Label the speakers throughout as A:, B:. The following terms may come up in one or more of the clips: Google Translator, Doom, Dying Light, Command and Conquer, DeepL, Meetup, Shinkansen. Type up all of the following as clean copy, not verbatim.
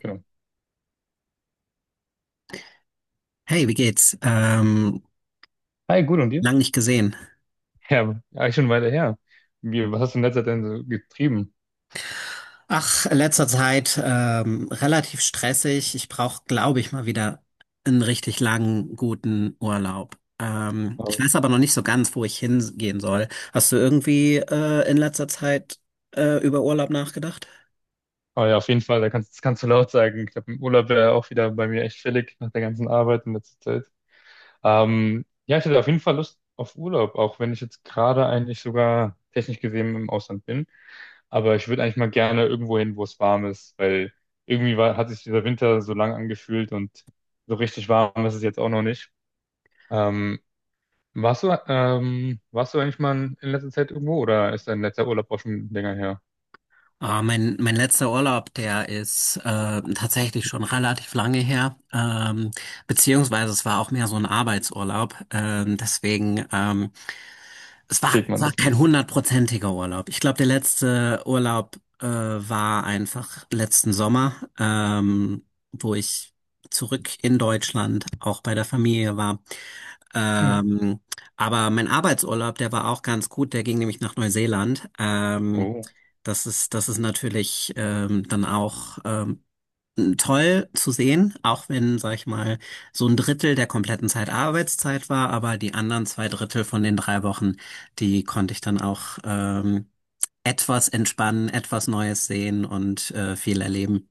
A: Genau.
B: Hey, wie geht's?
A: Hi, gut, und dir?
B: Lang nicht gesehen.
A: Ja, eigentlich schon weiter her. Wie, was hast du in letzter Zeit denn so getrieben?
B: Ach, in letzter Zeit relativ stressig. Ich brauche, glaube ich, mal wieder einen richtig langen, guten Urlaub. Ich
A: Aber,
B: weiß aber noch nicht so ganz, wo ich hingehen soll. Hast du irgendwie in letzter Zeit über Urlaub nachgedacht?
A: aber ja, auf jeden Fall, da das kannst du laut sagen. Ich glaube, im Urlaub wäre auch wieder bei mir echt fällig nach der ganzen Arbeit in letzter Zeit. Ja, ich hätte auf jeden Fall Lust auf Urlaub, auch wenn ich jetzt gerade eigentlich sogar technisch gesehen im Ausland bin. Aber ich würde eigentlich mal gerne irgendwo hin, wo es warm ist, weil hat sich dieser Winter so lang angefühlt und so richtig warm ist es jetzt auch noch nicht. Ähm, Warst du eigentlich mal in letzter Zeit irgendwo oder ist dein letzter Urlaub auch schon länger her?
B: Ah, mein letzter Urlaub, der ist tatsächlich schon relativ lange her. Beziehungsweise es war auch mehr so ein Arbeitsurlaub. Deswegen. Es war,
A: Sieht
B: es
A: man
B: war
A: das
B: kein
A: nicht?
B: hundertprozentiger Urlaub. Ich glaube, der letzte Urlaub war einfach letzten Sommer, wo ich zurück in Deutschland auch bei der Familie war.
A: Mhm.
B: Ähm, aber mein Arbeitsurlaub, der war auch ganz gut. Der ging nämlich nach Neuseeland.
A: Oh.
B: Das ist natürlich dann auch toll zu sehen, auch wenn, sag ich mal, so ein Drittel der kompletten Zeit Arbeitszeit war, aber die anderen zwei Drittel von den drei Wochen, die konnte ich dann auch etwas entspannen, etwas Neues sehen und viel erleben.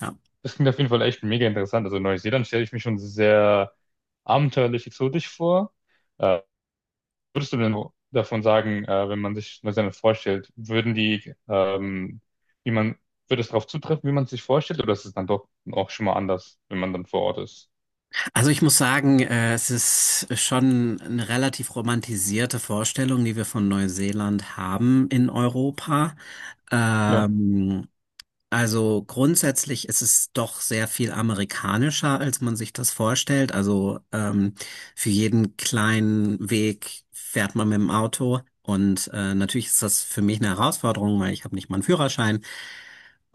B: Ja.
A: Das klingt auf jeden Fall echt mega interessant. Also Neuseeland stelle ich mir schon sehr abenteuerlich exotisch vor. Äh, Würdest du denn davon sagen, wenn man sich Neuseeland vorstellt, wie man, würde es darauf zutreffen, wie man es sich vorstellt, oder ist es dann doch auch schon mal anders, wenn man dann vor Ort ist?
B: Also ich muss sagen, es ist schon eine relativ romantisierte Vorstellung, die wir von Neuseeland haben in Europa.
A: Ja.
B: Ähm, Also grundsätzlich ist es doch sehr viel amerikanischer, als man sich das vorstellt. Also für jeden kleinen Weg fährt man mit dem Auto. Und natürlich ist das für mich eine Herausforderung, weil ich habe nicht mal einen Führerschein.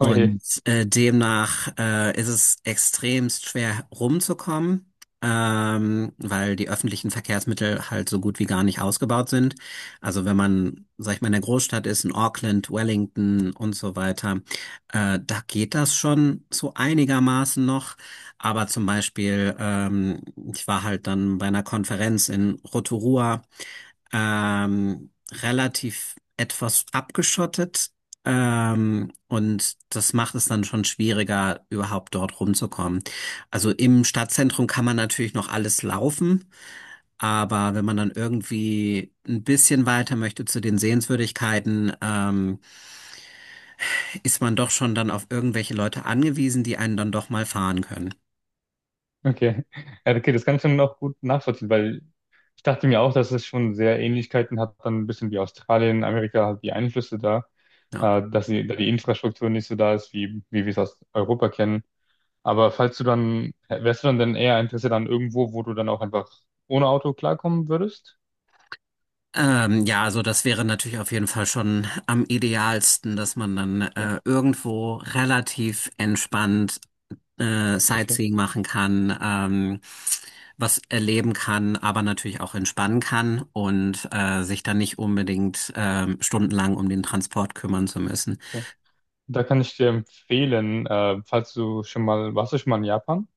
A: Okay.
B: demnach ist es extremst schwer rumzukommen, weil die öffentlichen Verkehrsmittel halt so gut wie gar nicht ausgebaut sind. Also wenn man, sag ich mal, in der Großstadt ist, in Auckland, Wellington und so weiter, da geht das schon so einigermaßen noch. Aber zum Beispiel, ich war halt dann bei einer Konferenz in Rotorua relativ etwas abgeschottet. Und das macht es dann schon schwieriger, überhaupt dort rumzukommen. Also im Stadtzentrum kann man natürlich noch alles laufen, aber wenn man dann irgendwie ein bisschen weiter möchte zu den Sehenswürdigkeiten, ist man doch schon dann auf irgendwelche Leute angewiesen, die einen dann doch mal fahren können.
A: Okay. Ja, okay, das kann ich dann auch gut nachvollziehen, weil ich dachte mir auch, dass es schon sehr Ähnlichkeiten hat, dann ein bisschen wie Australien, Amerika, halt die Einflüsse da,
B: Ja.
A: dass da die Infrastruktur nicht so da ist, wie wir es aus Europa kennen. Aber falls du dann, wärst du dann denn eher interessiert an irgendwo, wo du dann auch einfach ohne Auto klarkommen würdest?
B: Ja, also das wäre natürlich auf jeden Fall schon am idealsten, dass man dann
A: Ja.
B: irgendwo relativ entspannt
A: Okay,
B: Sightseeing machen kann, was erleben kann, aber natürlich auch entspannen kann und sich dann nicht unbedingt stundenlang um den Transport kümmern zu müssen.
A: ja. Da kann ich dir empfehlen, falls du schon mal, warst du schon mal in Japan?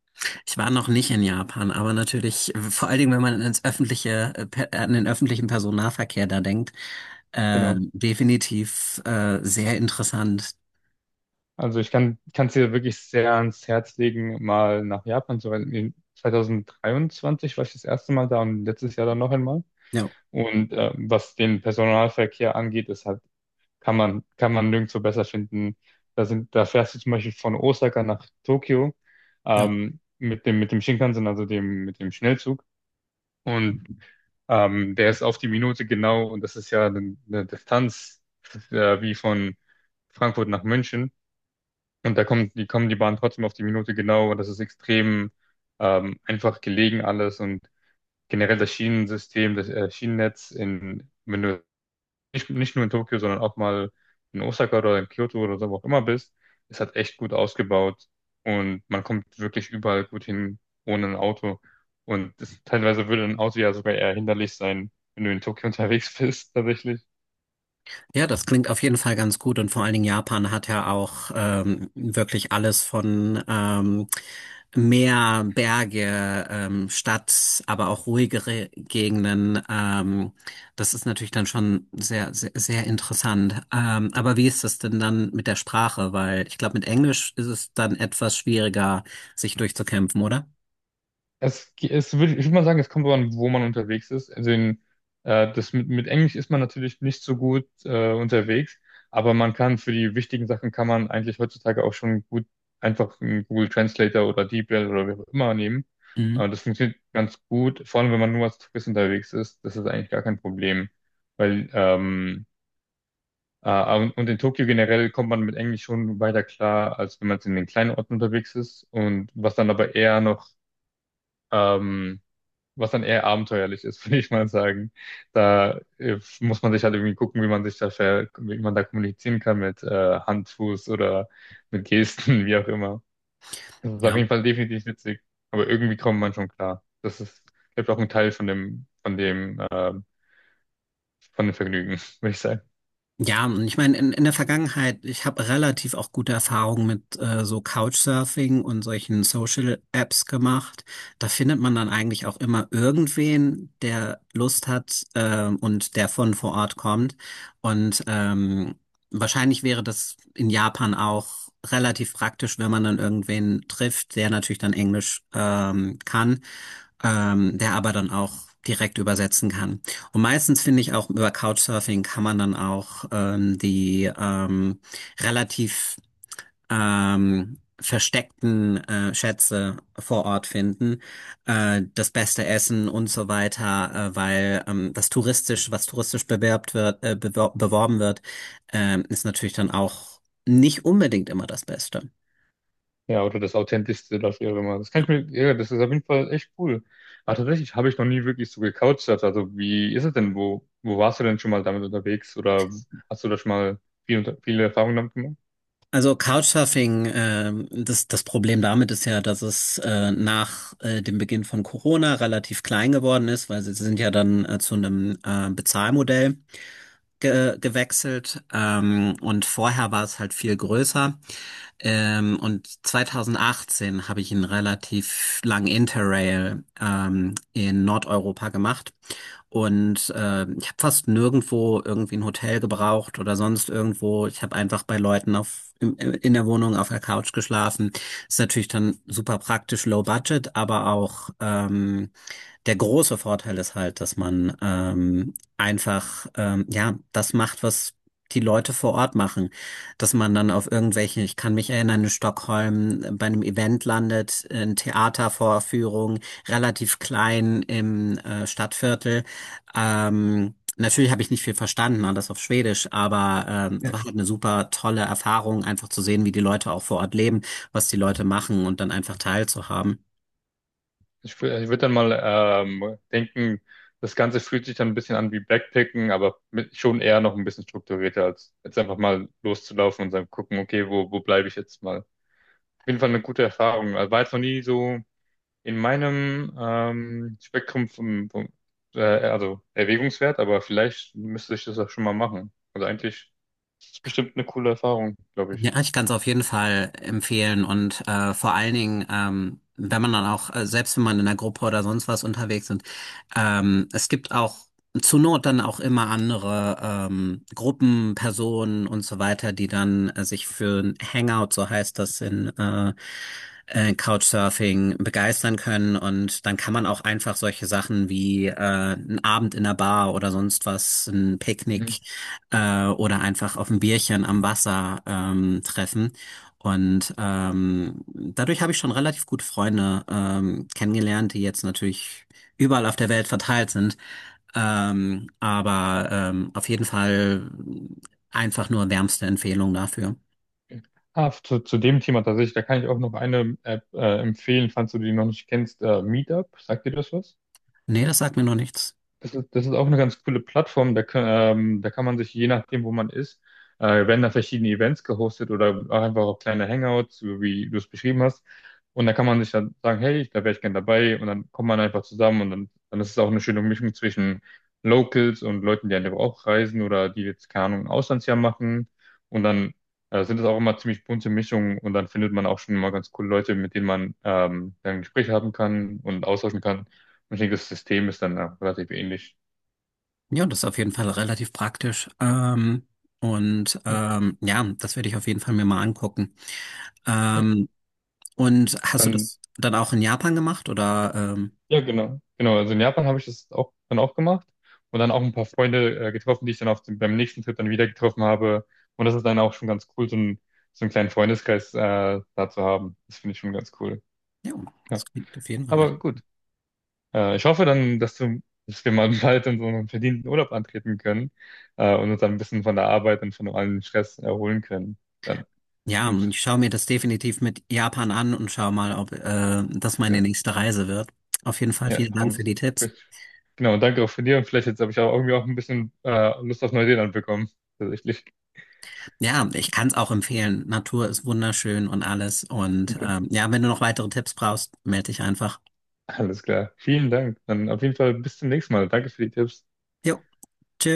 B: Ich war noch nicht in Japan, aber natürlich, vor allen Dingen, wenn man ins an den öffentlichen Personennahverkehr da denkt,
A: Genau.
B: definitiv sehr interessant.
A: Also ich kann es dir wirklich sehr ans Herz legen, mal nach Japan zu reisen. In 2023 war ich das erste Mal da und letztes Jahr dann noch einmal.
B: Ja.
A: Und was den Personalverkehr angeht, ist halt, kann man nirgendwo besser finden. Da fährst du zum Beispiel von Osaka nach Tokio
B: Ja.
A: mit dem Shinkansen, mit dem Schnellzug. Und der ist auf die Minute genau und das ist ja eine Distanz wie von Frankfurt nach München. Und da kommt, die kommen die Bahn trotzdem auf die Minute genau und das ist extrem einfach gelegen alles und generell das Schienensystem, das Schienennetz in, wenn du nicht nur in Tokio, sondern auch mal in Osaka oder in Kyoto oder so, wo auch immer bist, ist halt echt gut ausgebaut und man kommt wirklich überall gut hin ohne ein Auto. Und das, teilweise würde ein Auto ja sogar eher hinderlich sein, wenn du in Tokio unterwegs bist, tatsächlich.
B: Ja, das klingt auf jeden Fall ganz gut und vor allen Dingen Japan hat ja auch wirklich alles von Meer, Berge, Stadt, aber auch ruhigere Gegenden. Das ist natürlich dann schon sehr interessant. Aber wie ist das denn dann mit der Sprache? Weil ich glaube, mit Englisch ist es dann etwas schwieriger, sich durchzukämpfen, oder?
A: Es, ge- es würde, Ich würde mal sagen, es kommt darauf an, wo man unterwegs ist. Das mit Englisch ist man natürlich nicht so gut unterwegs, aber man kann für die wichtigen Sachen kann man eigentlich heutzutage auch schon gut einfach einen Google Translator oder DeepL oder wie auch immer nehmen.
B: Mhm.
A: Das funktioniert ganz gut, vor allem wenn man nur als Tourist unterwegs ist, das ist eigentlich gar kein Problem. Weil ähm, und in Tokio generell kommt man mit Englisch schon weiter klar, als wenn man jetzt in den kleinen Orten unterwegs ist. Und was dann aber eher noch ähm, was dann eher abenteuerlich ist, würde ich mal sagen. Da muss man sich halt irgendwie gucken, wie man sich da ver wie man da kommunizieren kann mit Hand, Fuß oder mit Gesten, wie auch immer. Das ist auf
B: Ja.
A: jeden Fall definitiv witzig, aber irgendwie kommt man schon klar. Das ist, glaube ich, auch ein Teil von von dem Vergnügen, würde ich sagen.
B: Ja, und ich meine, in der Vergangenheit, ich habe relativ auch gute Erfahrungen mit so Couchsurfing und solchen Social-Apps gemacht. Da findet man dann eigentlich auch immer irgendwen, der Lust hat und der von vor Ort kommt. Und wahrscheinlich wäre das in Japan auch relativ praktisch, wenn man dann irgendwen trifft, der natürlich dann Englisch kann, der aber dann auch direkt übersetzen kann. Und meistens finde ich auch über Couchsurfing kann man dann auch die relativ versteckten Schätze vor Ort finden, das beste Essen und so weiter, weil das touristisch, was touristisch bewerbt wird, beworben wird, ist natürlich dann auch nicht unbedingt immer das Beste.
A: Ja, oder das Authentischste, das wäre mal. Das kann ich mir, ja, das ist auf jeden Fall echt cool. Aber tatsächlich habe ich noch nie wirklich so gecouchsurft. Also wie ist es denn? Wo warst du denn schon mal damit unterwegs? Oder hast du da schon mal viele Erfahrungen damit gemacht?
B: Also Couchsurfing, das Problem damit ist ja, dass es nach dem Beginn von Corona relativ klein geworden ist, weil sie sind ja dann zu einem Bezahlmodell ge gewechselt und vorher war es halt viel größer. Und 2018 habe ich einen relativ langen Interrail in Nordeuropa gemacht. Und ich habe fast nirgendwo irgendwie ein Hotel gebraucht oder sonst irgendwo. Ich habe einfach bei Leuten in der Wohnung auf der Couch geschlafen. Ist natürlich dann super praktisch, low budget, aber auch der große Vorteil ist halt, dass man einfach ja das macht, was die Leute vor Ort machen. Dass man dann auf irgendwelchen, ich kann mich erinnern, in Stockholm bei einem Event landet, eine Theatervorführung, relativ klein im Stadtviertel. Natürlich habe ich nicht viel verstanden, alles auf Schwedisch, aber es
A: Ja.
B: war halt eine super tolle Erfahrung, einfach zu sehen, wie die Leute auch vor Ort leben, was die Leute machen und dann einfach teilzuhaben.
A: Ich würde dann mal denken, das Ganze fühlt sich dann ein bisschen an wie Backpacken, aber mit, schon eher noch ein bisschen strukturierter, als jetzt einfach mal loszulaufen und dann gucken, okay, wo bleibe ich jetzt mal? Auf jeden Fall eine gute Erfahrung. Also war jetzt noch nie so. In meinem Spektrum vom, also Erwägungswert, aber vielleicht müsste ich das auch schon mal machen. Also eigentlich ist es bestimmt eine coole Erfahrung, glaube ich.
B: Ja, ich kann es auf jeden Fall empfehlen und vor allen Dingen, wenn man dann auch, selbst wenn man in einer Gruppe oder sonst was unterwegs ist, es gibt auch zur Not dann auch immer andere Gruppen, Personen und so weiter, die dann sich für ein Hangout, so heißt das in Couchsurfing, begeistern können und dann kann man auch einfach solche Sachen wie ein Abend in der Bar oder sonst was, ein
A: Mhm.
B: Picknick oder einfach auf ein Bierchen am Wasser treffen. Und dadurch habe ich schon relativ gute Freunde kennengelernt, die jetzt natürlich überall auf der Welt verteilt sind. Aber auf jeden Fall einfach nur wärmste Empfehlung dafür.
A: Ah, zu dem Thema tatsächlich, da kann ich auch noch eine App empfehlen, falls du die noch nicht kennst. Meetup, sagt dir das was?
B: Nee, das sagt mir noch nichts.
A: Das ist auch eine ganz coole Plattform. Da kann man sich, je nachdem, wo man ist, werden da verschiedene Events gehostet oder auch einfach auch kleine Hangouts, so wie du es beschrieben hast. Und da kann man sich dann sagen, hey, da wäre ich gern dabei. Und dann kommt man einfach zusammen und dann ist es auch eine schöne Mischung zwischen Locals und Leuten, die einfach auch reisen oder die jetzt, keine Ahnung, ein Auslandsjahr machen. Und dann sind es auch immer ziemlich bunte Mischungen und dann findet man auch schon mal ganz coole Leute, mit denen man dann Gespräche haben kann und austauschen kann. Ich denke, das System ist dann auch relativ ähnlich.
B: Ja, das ist auf jeden Fall relativ praktisch. Ähm, und
A: Ja,
B: ähm, ja, das werde ich auf jeden Fall mir mal angucken.
A: ja.
B: Ähm, und hast du
A: dann,
B: das dann auch in Japan gemacht oder?
A: ja, genau. Genau, also in Japan habe ich das auch, dann auch gemacht und dann auch ein paar Freunde getroffen, die ich dann beim nächsten Trip dann wieder getroffen habe. Und das ist dann auch schon ganz cool, so einen kleinen Freundeskreis da zu haben. Das finde ich schon ganz cool.
B: Ja,
A: Ja,
B: das klingt auf jeden Fall
A: aber
B: richtig.
A: gut. Ich hoffe dann, dass wir mal bald in so einen verdienten Urlaub antreten können und uns dann ein bisschen von der Arbeit und von allem Stress erholen können. Dann
B: Ja, und
A: wünsche
B: ich schaue mir das definitiv mit Japan an und schaue mal, ob das meine
A: ich
B: nächste Reise wird. Auf jeden Fall
A: Ja,
B: vielen Dank
A: haben,
B: für die Tipps.
A: genau, danke auch von dir. Und vielleicht jetzt habe ich auch irgendwie auch ein bisschen Lust auf Neuseeland bekommen. Tatsächlich.
B: Ja, ich kann es auch empfehlen. Natur ist wunderschön und alles. Und
A: Okay,
B: ja, wenn du noch weitere Tipps brauchst, melde dich einfach.
A: alles klar. Vielen Dank. Dann auf jeden Fall bis zum nächsten Mal. Danke für die Tipps.
B: Jo, tschö.